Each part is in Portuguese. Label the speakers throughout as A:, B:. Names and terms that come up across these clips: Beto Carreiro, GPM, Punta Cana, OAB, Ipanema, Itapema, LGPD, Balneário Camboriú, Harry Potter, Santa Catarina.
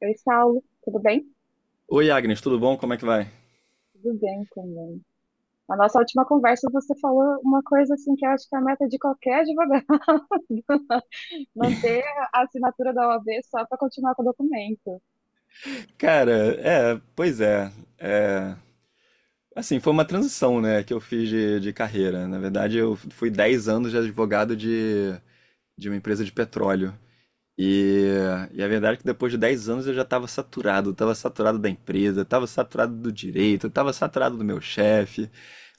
A: Oi, Saulo, tudo bem?
B: Oi, Agnes, tudo bom? Como é que vai?
A: Tudo bem também. Na nossa última conversa, você falou uma coisa assim que eu acho que é a meta de qualquer advogado, manter a assinatura da OAB só para continuar com o documento.
B: Cara, é, pois é, é, assim, foi uma transição, né, que eu fiz de carreira. Na verdade, eu fui 10 anos de advogado de uma empresa de petróleo. E, e a verdade é que depois de 10 anos eu já estava saturado da empresa, estava saturado do direito, estava saturado do meu chefe.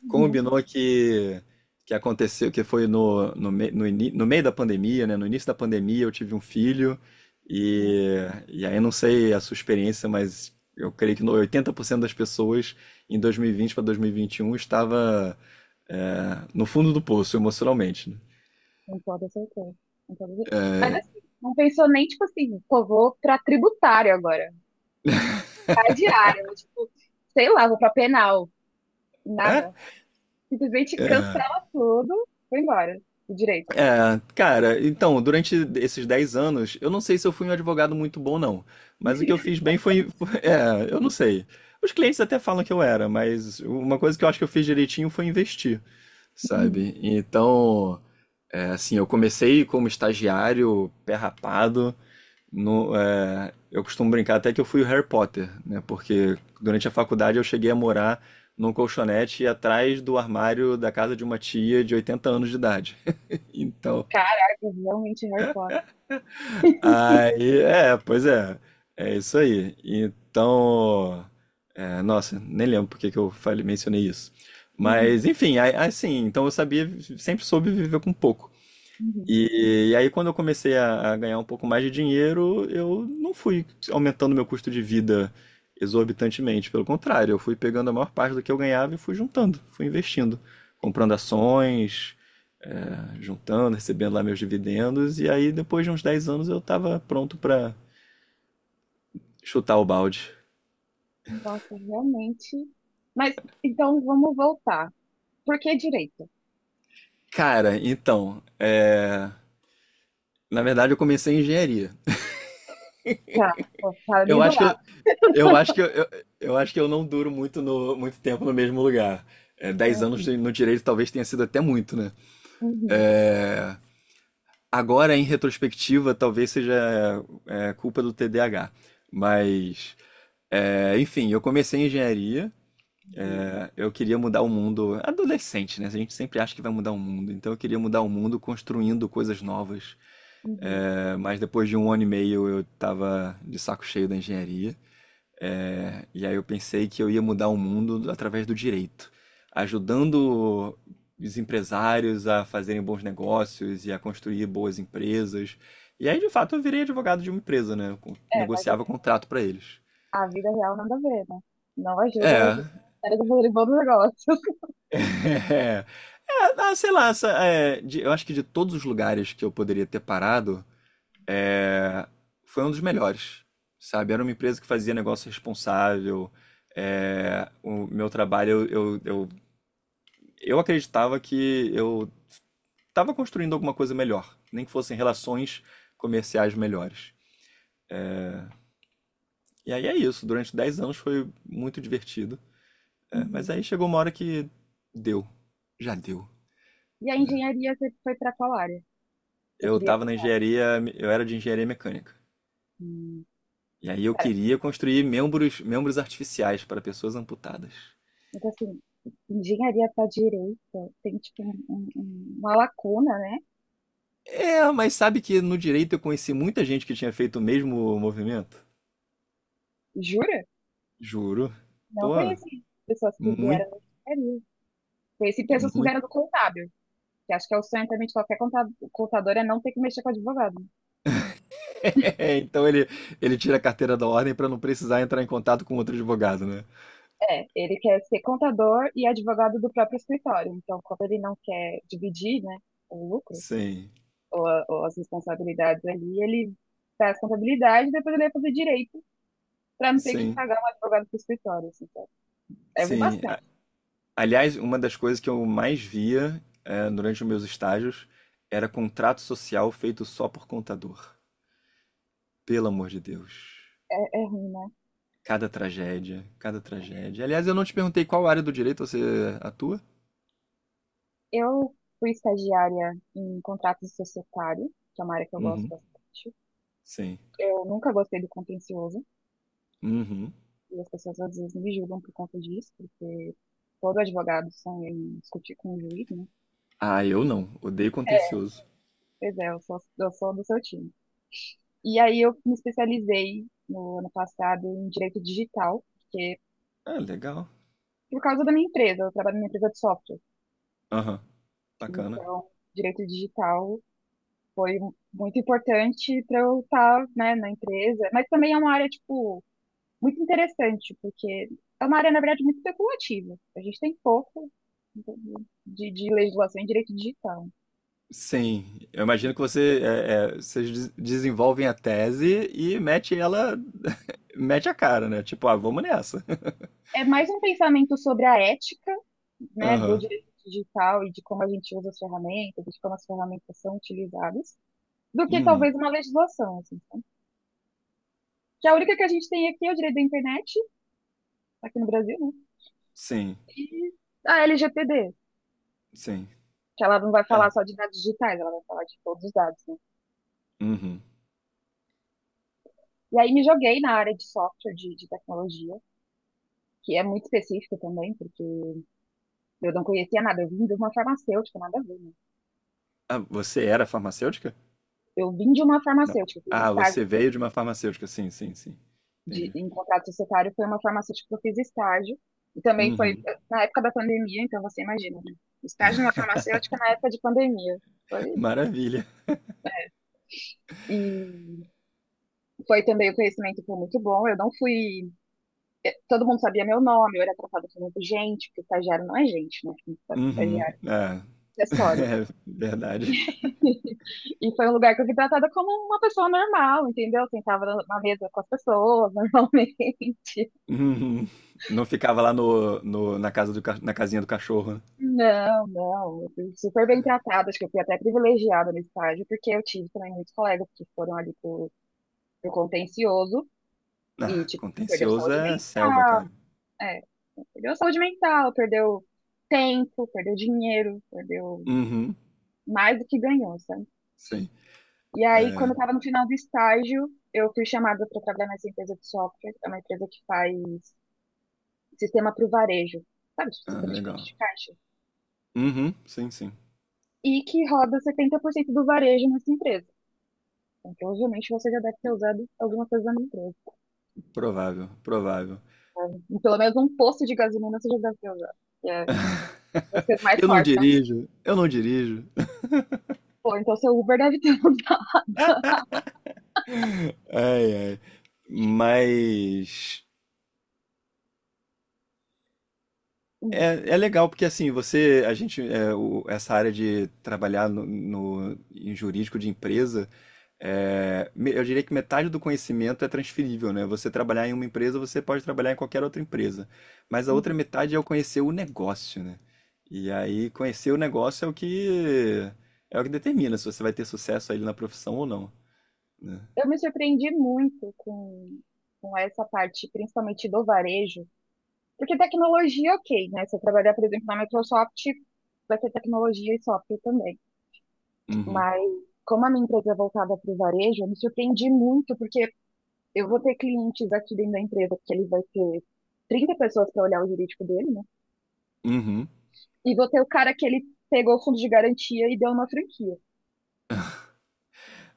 A: Uhum,
B: Combinou que aconteceu, que foi no meio da pandemia, né? No início da pandemia eu tive um filho
A: uhum,
B: e, e aí eu não sei a sua experiência, mas eu creio que 80% das pessoas em 2020 para dois mil e vinte e um estava no fundo do poço emocionalmente, né?
A: com toda certeza. Com toda certeza. Mas assim, não pensou nem tipo assim, pô, vou para tributário agora, para diário, tipo, sei lá, vou para penal,
B: É?
A: nada. Simplesmente cancela tudo, foi embora, o direito.
B: É, cara, então, durante esses 10 anos, eu não sei se eu fui um advogado muito bom, não. Mas o que eu fiz bem É, eu não sei. Os clientes até falam que eu era, mas uma coisa que eu acho que eu fiz direitinho foi investir,
A: Uhum.
B: sabe? Então, assim, eu comecei como estagiário, pé rapado. No, é, eu costumo brincar até que eu fui o Harry Potter, né? Porque durante a faculdade eu cheguei a morar num colchonete atrás do armário da casa de uma tia de 80 anos de idade. Então.
A: Caraca, realmente Harry Potter.
B: Aí, é, pois é. É isso aí. Então, nossa, nem lembro porque que eu mencionei isso.
A: Uhum,
B: Mas, enfim, assim, então eu sabia, sempre soube viver com pouco.
A: uhum.
B: E aí, quando eu comecei a ganhar um pouco mais de dinheiro, eu não fui aumentando meu custo de vida exorbitantemente. Pelo contrário, eu fui pegando a maior parte do que eu ganhava e fui juntando, fui investindo, comprando ações, juntando, recebendo lá meus dividendos. E aí, depois de uns 10 anos, eu estava pronto para chutar o balde.
A: Nossa, realmente. Mas então vamos voltar. Por que direito?
B: Cara, então, na verdade, eu comecei em engenharia.
A: Tá, ó, tá ali
B: Eu
A: do
B: acho que
A: lado.
B: eu acho que eu acho que eu não duro muito no muito tempo no mesmo lugar. É, 10
A: Né?
B: anos no direito talvez tenha sido até muito, né?
A: Uhum,
B: É, agora, em retrospectiva, talvez seja culpa do TDAH. Mas, enfim, eu comecei engenharia.
A: uhum,
B: Né? Eu queria mudar o mundo. Adolescente, né? A gente sempre acha que vai mudar o mundo. Então, eu queria mudar o mundo construindo coisas novas.
A: uhum.
B: Mas depois de 1 ano e meio eu estava de saco cheio da engenharia. E aí eu pensei que eu ia mudar o mundo através do direito, ajudando os empresários a fazerem bons negócios e a construir boas empresas. E aí, de fato, eu virei advogado de uma empresa, né?
A: É, mas
B: Negociava
A: assim,
B: contrato para eles.
A: a vida real nada a ver, né? Não ajuda
B: É.
A: o cérebro do bom do negócio.
B: É, é, ah, sei lá, essa, é, de- eu acho que de todos os lugares que eu poderia ter parado, é, foi um dos melhores, sabe? Era uma empresa que fazia negócio responsável. O meu trabalho, eu, eu eu acreditava que eu estava construindo alguma coisa melhor, nem que fossem relações comerciais melhores. E aí é isso, durante 10 anos foi muito divertido. Mas
A: Uhum.
B: aí chegou uma hora que deu, já deu.
A: E a engenharia você foi para qual área? Você
B: Eu
A: queria.
B: estava na engenharia, eu era de engenharia mecânica.
A: Hum,
B: E aí eu
A: cara,
B: queria construir membros artificiais para pessoas amputadas.
A: então assim, engenharia para direito tem tipo uma lacuna, né?
B: É, mas sabe que no direito eu conheci muita gente que tinha feito o mesmo movimento?
A: Jura?
B: Juro.
A: Não
B: Pô,
A: conheci pessoas que vieram
B: muito.
A: da engenharia. Conheci pessoas que vieram do contábil. Que acho que é o sonho também de qualquer contador é não ter que mexer com advogado.
B: Então ele tira a carteira da ordem para não precisar entrar em contato com outro advogado, né?
A: É, ele quer ser contador e advogado do próprio escritório. Então, quando ele não quer dividir, né, o lucro
B: Sim,
A: ou, ou as responsabilidades ali, ele faz contabilidade e depois ele vai fazer direito para não ter que
B: sim,
A: pagar um advogado pro escritório. Assim, sabe? Eu vi
B: sim.
A: bastante.
B: A- Aliás, uma das coisas que eu mais via, durante os meus estágios era contrato social feito só por contador. Pelo amor de Deus.
A: É, é ruim, né?
B: Cada tragédia, cada tragédia. Aliás, eu não te perguntei qual área do direito você atua?
A: Eu fui estagiária em contratos societários, que é uma área que eu gosto
B: Uhum.
A: bastante.
B: Sim.
A: Eu nunca gostei do contencioso.
B: Uhum.
A: E as pessoas às vezes me julgam por conta disso, porque todo advogado sonha em discutir com o juiz, né?
B: Ah, eu não. Odeio contencioso.
A: Pois é, eu sou do seu time. E aí eu me especializei no ano passado em direito digital,
B: Ah, legal.
A: por causa da minha empresa, eu trabalho numa empresa de software.
B: Aham. Bacana.
A: Então, direito digital foi muito importante para eu estar, né, na empresa, mas também é uma área, tipo, muito interessante, porque é uma área, na verdade, muito especulativa. A gente tem pouco de legislação em direito digital.
B: Sim, eu imagino que vocês desenvolvem a tese e mete ela, mete a cara, né? Tipo, ah, vamos nessa.
A: É mais um pensamento sobre a ética, né, do
B: Aham.
A: direito digital e de como a gente usa as ferramentas, de como as ferramentas são utilizadas, do que
B: Uhum.
A: talvez uma legislação, assim, sabe? Que a única que a gente tem aqui é o direito da internet, aqui no Brasil, né?
B: Sim,
A: E a LGPD,
B: sim.
A: que ela não vai
B: É.
A: falar só de dados digitais, ela vai falar de todos os dados, né?
B: Uhum.
A: E aí me joguei na área de software, de tecnologia, que é muito específica também, porque eu não conhecia nada, eu vim de uma farmacêutica, nada a ver, né?
B: Ah, você era farmacêutica?
A: Eu vim de uma
B: Não.
A: farmacêutica, fiz
B: Ah,
A: estágio
B: você veio de uma farmacêutica. Sim, sim, sim. Entendi.
A: em contrato societário foi uma farmacêutica que eu fiz estágio. E também foi
B: Uhum.
A: na época da pandemia, então você imagina, né? Estágio numa farmacêutica na época de pandemia. Foi.
B: Maravilha.
A: E foi também o conhecimento foi muito bom. Eu não fui. Todo mundo sabia meu nome, eu era tratada como gente, porque estagiário não é gente, né?
B: Uhum.
A: Estagiário
B: É.
A: é acessório.
B: É verdade.
A: E foi um lugar que eu fui tratada como uma pessoa normal, entendeu? Eu sentava na mesa com as pessoas normalmente.
B: Uhum. Não ficava lá na casa na casinha do cachorro, né?
A: Não, não, eu fui super bem tratada, acho que eu fui até privilegiada no estágio, porque eu tive também muitos colegas que foram ali pro contencioso e,
B: Ah,
A: tipo, perdeu
B: contencioso
A: saúde
B: é
A: mental,
B: selva, cara.
A: é, perdeu saúde mental, perdeu tempo, perdeu dinheiro, perdeu
B: Uhum,
A: mais do que ganhou, sabe?
B: sim.
A: E aí, quando
B: É,
A: eu tava no final do estágio, eu fui chamada para trabalhar nessa empresa de software, é uma empresa que faz sistema para o varejo, sabe, tipo,
B: ah,
A: sistema de frente
B: legal.
A: de caixa,
B: Uhum, sim, sim.
A: e que roda 70% do varejo nessa empresa. Então, provavelmente você já deve ter usado alguma coisa da minha empresa.
B: Provável, provável.
A: Sabe? Pelo menos um posto de gasolina você já deve ter usado. Que É, vai ser mais
B: Eu não
A: forte, né?
B: dirijo, eu não dirijo.
A: Pô, então seu Uber deve ter usado.
B: Ai, ai. Mas
A: Hum,
B: é, é legal porque assim, você, a gente, é, o- essa área de trabalhar em jurídico de empresa, eu diria que metade do conhecimento é transferível, né? Você trabalhar em uma empresa, você pode trabalhar em qualquer outra empresa, mas a outra
A: uhum.
B: metade é o conhecer o negócio, né? E aí conhecer o negócio é o que determina se você vai ter sucesso ali na profissão ou não, né?
A: Eu me surpreendi muito com essa parte, principalmente do varejo. Porque tecnologia, ok, né? Se eu trabalhar, por exemplo, na Microsoft, vai ter tecnologia e software também.
B: Uhum.
A: Mas como a minha empresa é voltada para o varejo, eu me surpreendi muito, porque eu vou ter clientes aqui dentro da empresa, porque ele vai ter 30 pessoas para olhar o jurídico dele, né?
B: Uhum.
A: E vou ter o cara que ele pegou o fundo de garantia e deu uma franquia.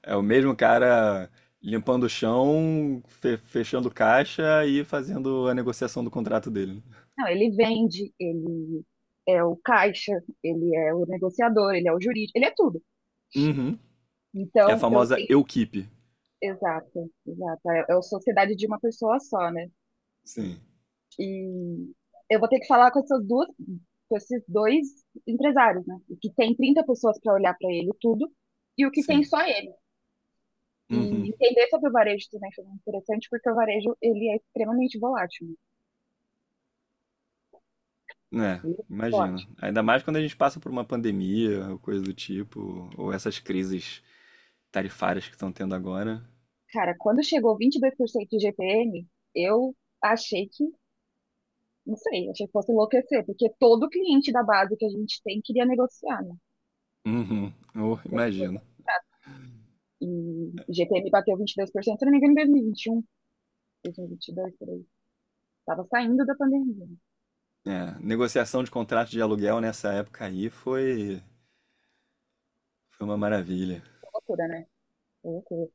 B: É o mesmo cara limpando o chão, fechando caixa e fazendo a negociação do contrato dele. Né?
A: Não, ele vende, ele é o caixa, ele é o negociador, ele é o jurídico, ele é tudo.
B: Uhum. É a
A: Então, eu
B: famosa
A: tenho.
B: eu.
A: Exato, exato. É a sociedade de uma pessoa só, né?
B: Sim,
A: E eu vou ter que falar com esses dois empresários, né? O que tem 30 pessoas para olhar para ele tudo e o que tem
B: sim.
A: só ele. E
B: Uhum.
A: entender sobre o varejo também foi muito interessante, porque o varejo ele é extremamente volátil. Né?
B: É,
A: Ele é muito
B: imagina.
A: volátil.
B: Ainda mais quando a gente passa por uma pandemia ou coisa do tipo, ou essas crises tarifárias que estão tendo agora.
A: Cara, quando chegou 22% de GPM, eu achei que, não sei, achei que fosse enlouquecer, porque todo cliente da base que a gente tem queria negociar, né?
B: Uhum. Oh, imagino.
A: E GPM bateu 22%, se não me engano, em dois mil e um, 2021, e 2022, por aí. Tava saindo da pandemia.
B: É, negociação de contrato de aluguel nessa época aí foi uma maravilha.
A: Foi loucura, né? Foi loucura.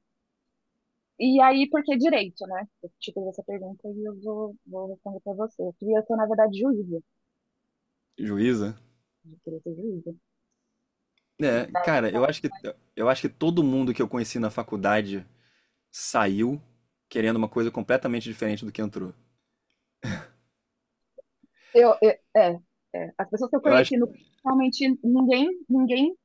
A: E aí, por que direito, né? Eu te fiz essa pergunta e eu vou responder pra você. Eu queria ser, na verdade, juíza.
B: Juíza?
A: Eu queria ser juíza. E
B: É,
A: daí,
B: cara, eu acho que todo mundo que eu conheci na faculdade saiu querendo uma coisa completamente diferente do que entrou.
A: eu, eu- é, as pessoas que eu
B: Eu acho
A: conheci,
B: que
A: realmente, ninguém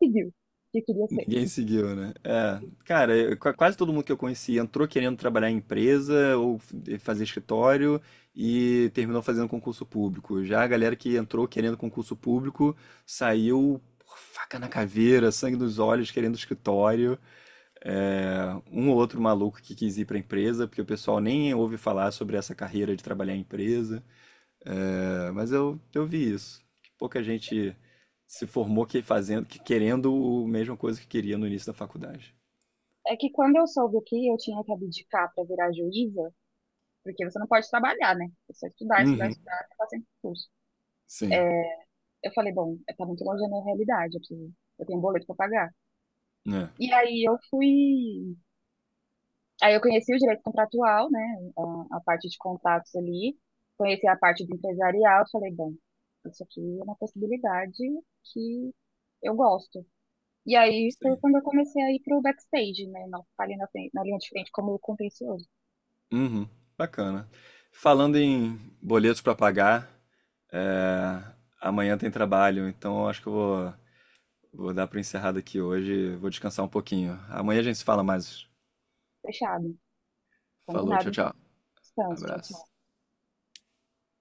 A: pediu que queria ser.
B: ninguém seguiu, né? É, cara, quase todo mundo que eu conheci entrou querendo trabalhar em empresa ou fazer escritório e terminou fazendo concurso público. Já a galera que entrou querendo concurso público saiu por faca na caveira, sangue nos olhos, querendo escritório. É, um ou outro maluco que quis ir para empresa, porque o pessoal nem ouve falar sobre essa carreira de trabalhar em empresa. É, mas eu vi isso. que Pouca gente se formou que fazendo, que querendo a mesma coisa que queria no início da faculdade.
A: É que quando eu soube que eu tinha que abdicar para virar juíza, porque você não pode trabalhar, né? Você estudar, estudar,
B: Uhum.
A: estudar, ficar sem curso. É,
B: Sim.
A: eu falei, bom, tá muito longe da minha realidade, eu tenho um boleto para pagar.
B: É.
A: E aí eu fui. Aí eu conheci o direito contratual, né? A parte de contatos ali, conheci a parte do empresarial, eu falei, bom, isso aqui é uma possibilidade que eu gosto. E aí foi
B: Sim.
A: quando eu comecei a ir pro backstage, né? Não ficar ali na linha de frente como contencioso.
B: Uhum. Bacana. Falando em boletos para pagar, é, amanhã tem trabalho, então eu acho que vou dar para encerrado aqui hoje. Vou descansar um pouquinho. Amanhã a gente se fala mais.
A: Fechado.
B: Falou,
A: Combinado,
B: tchau,
A: então.
B: tchau.
A: Descanso. Tchau,
B: Abraço.
A: tchau.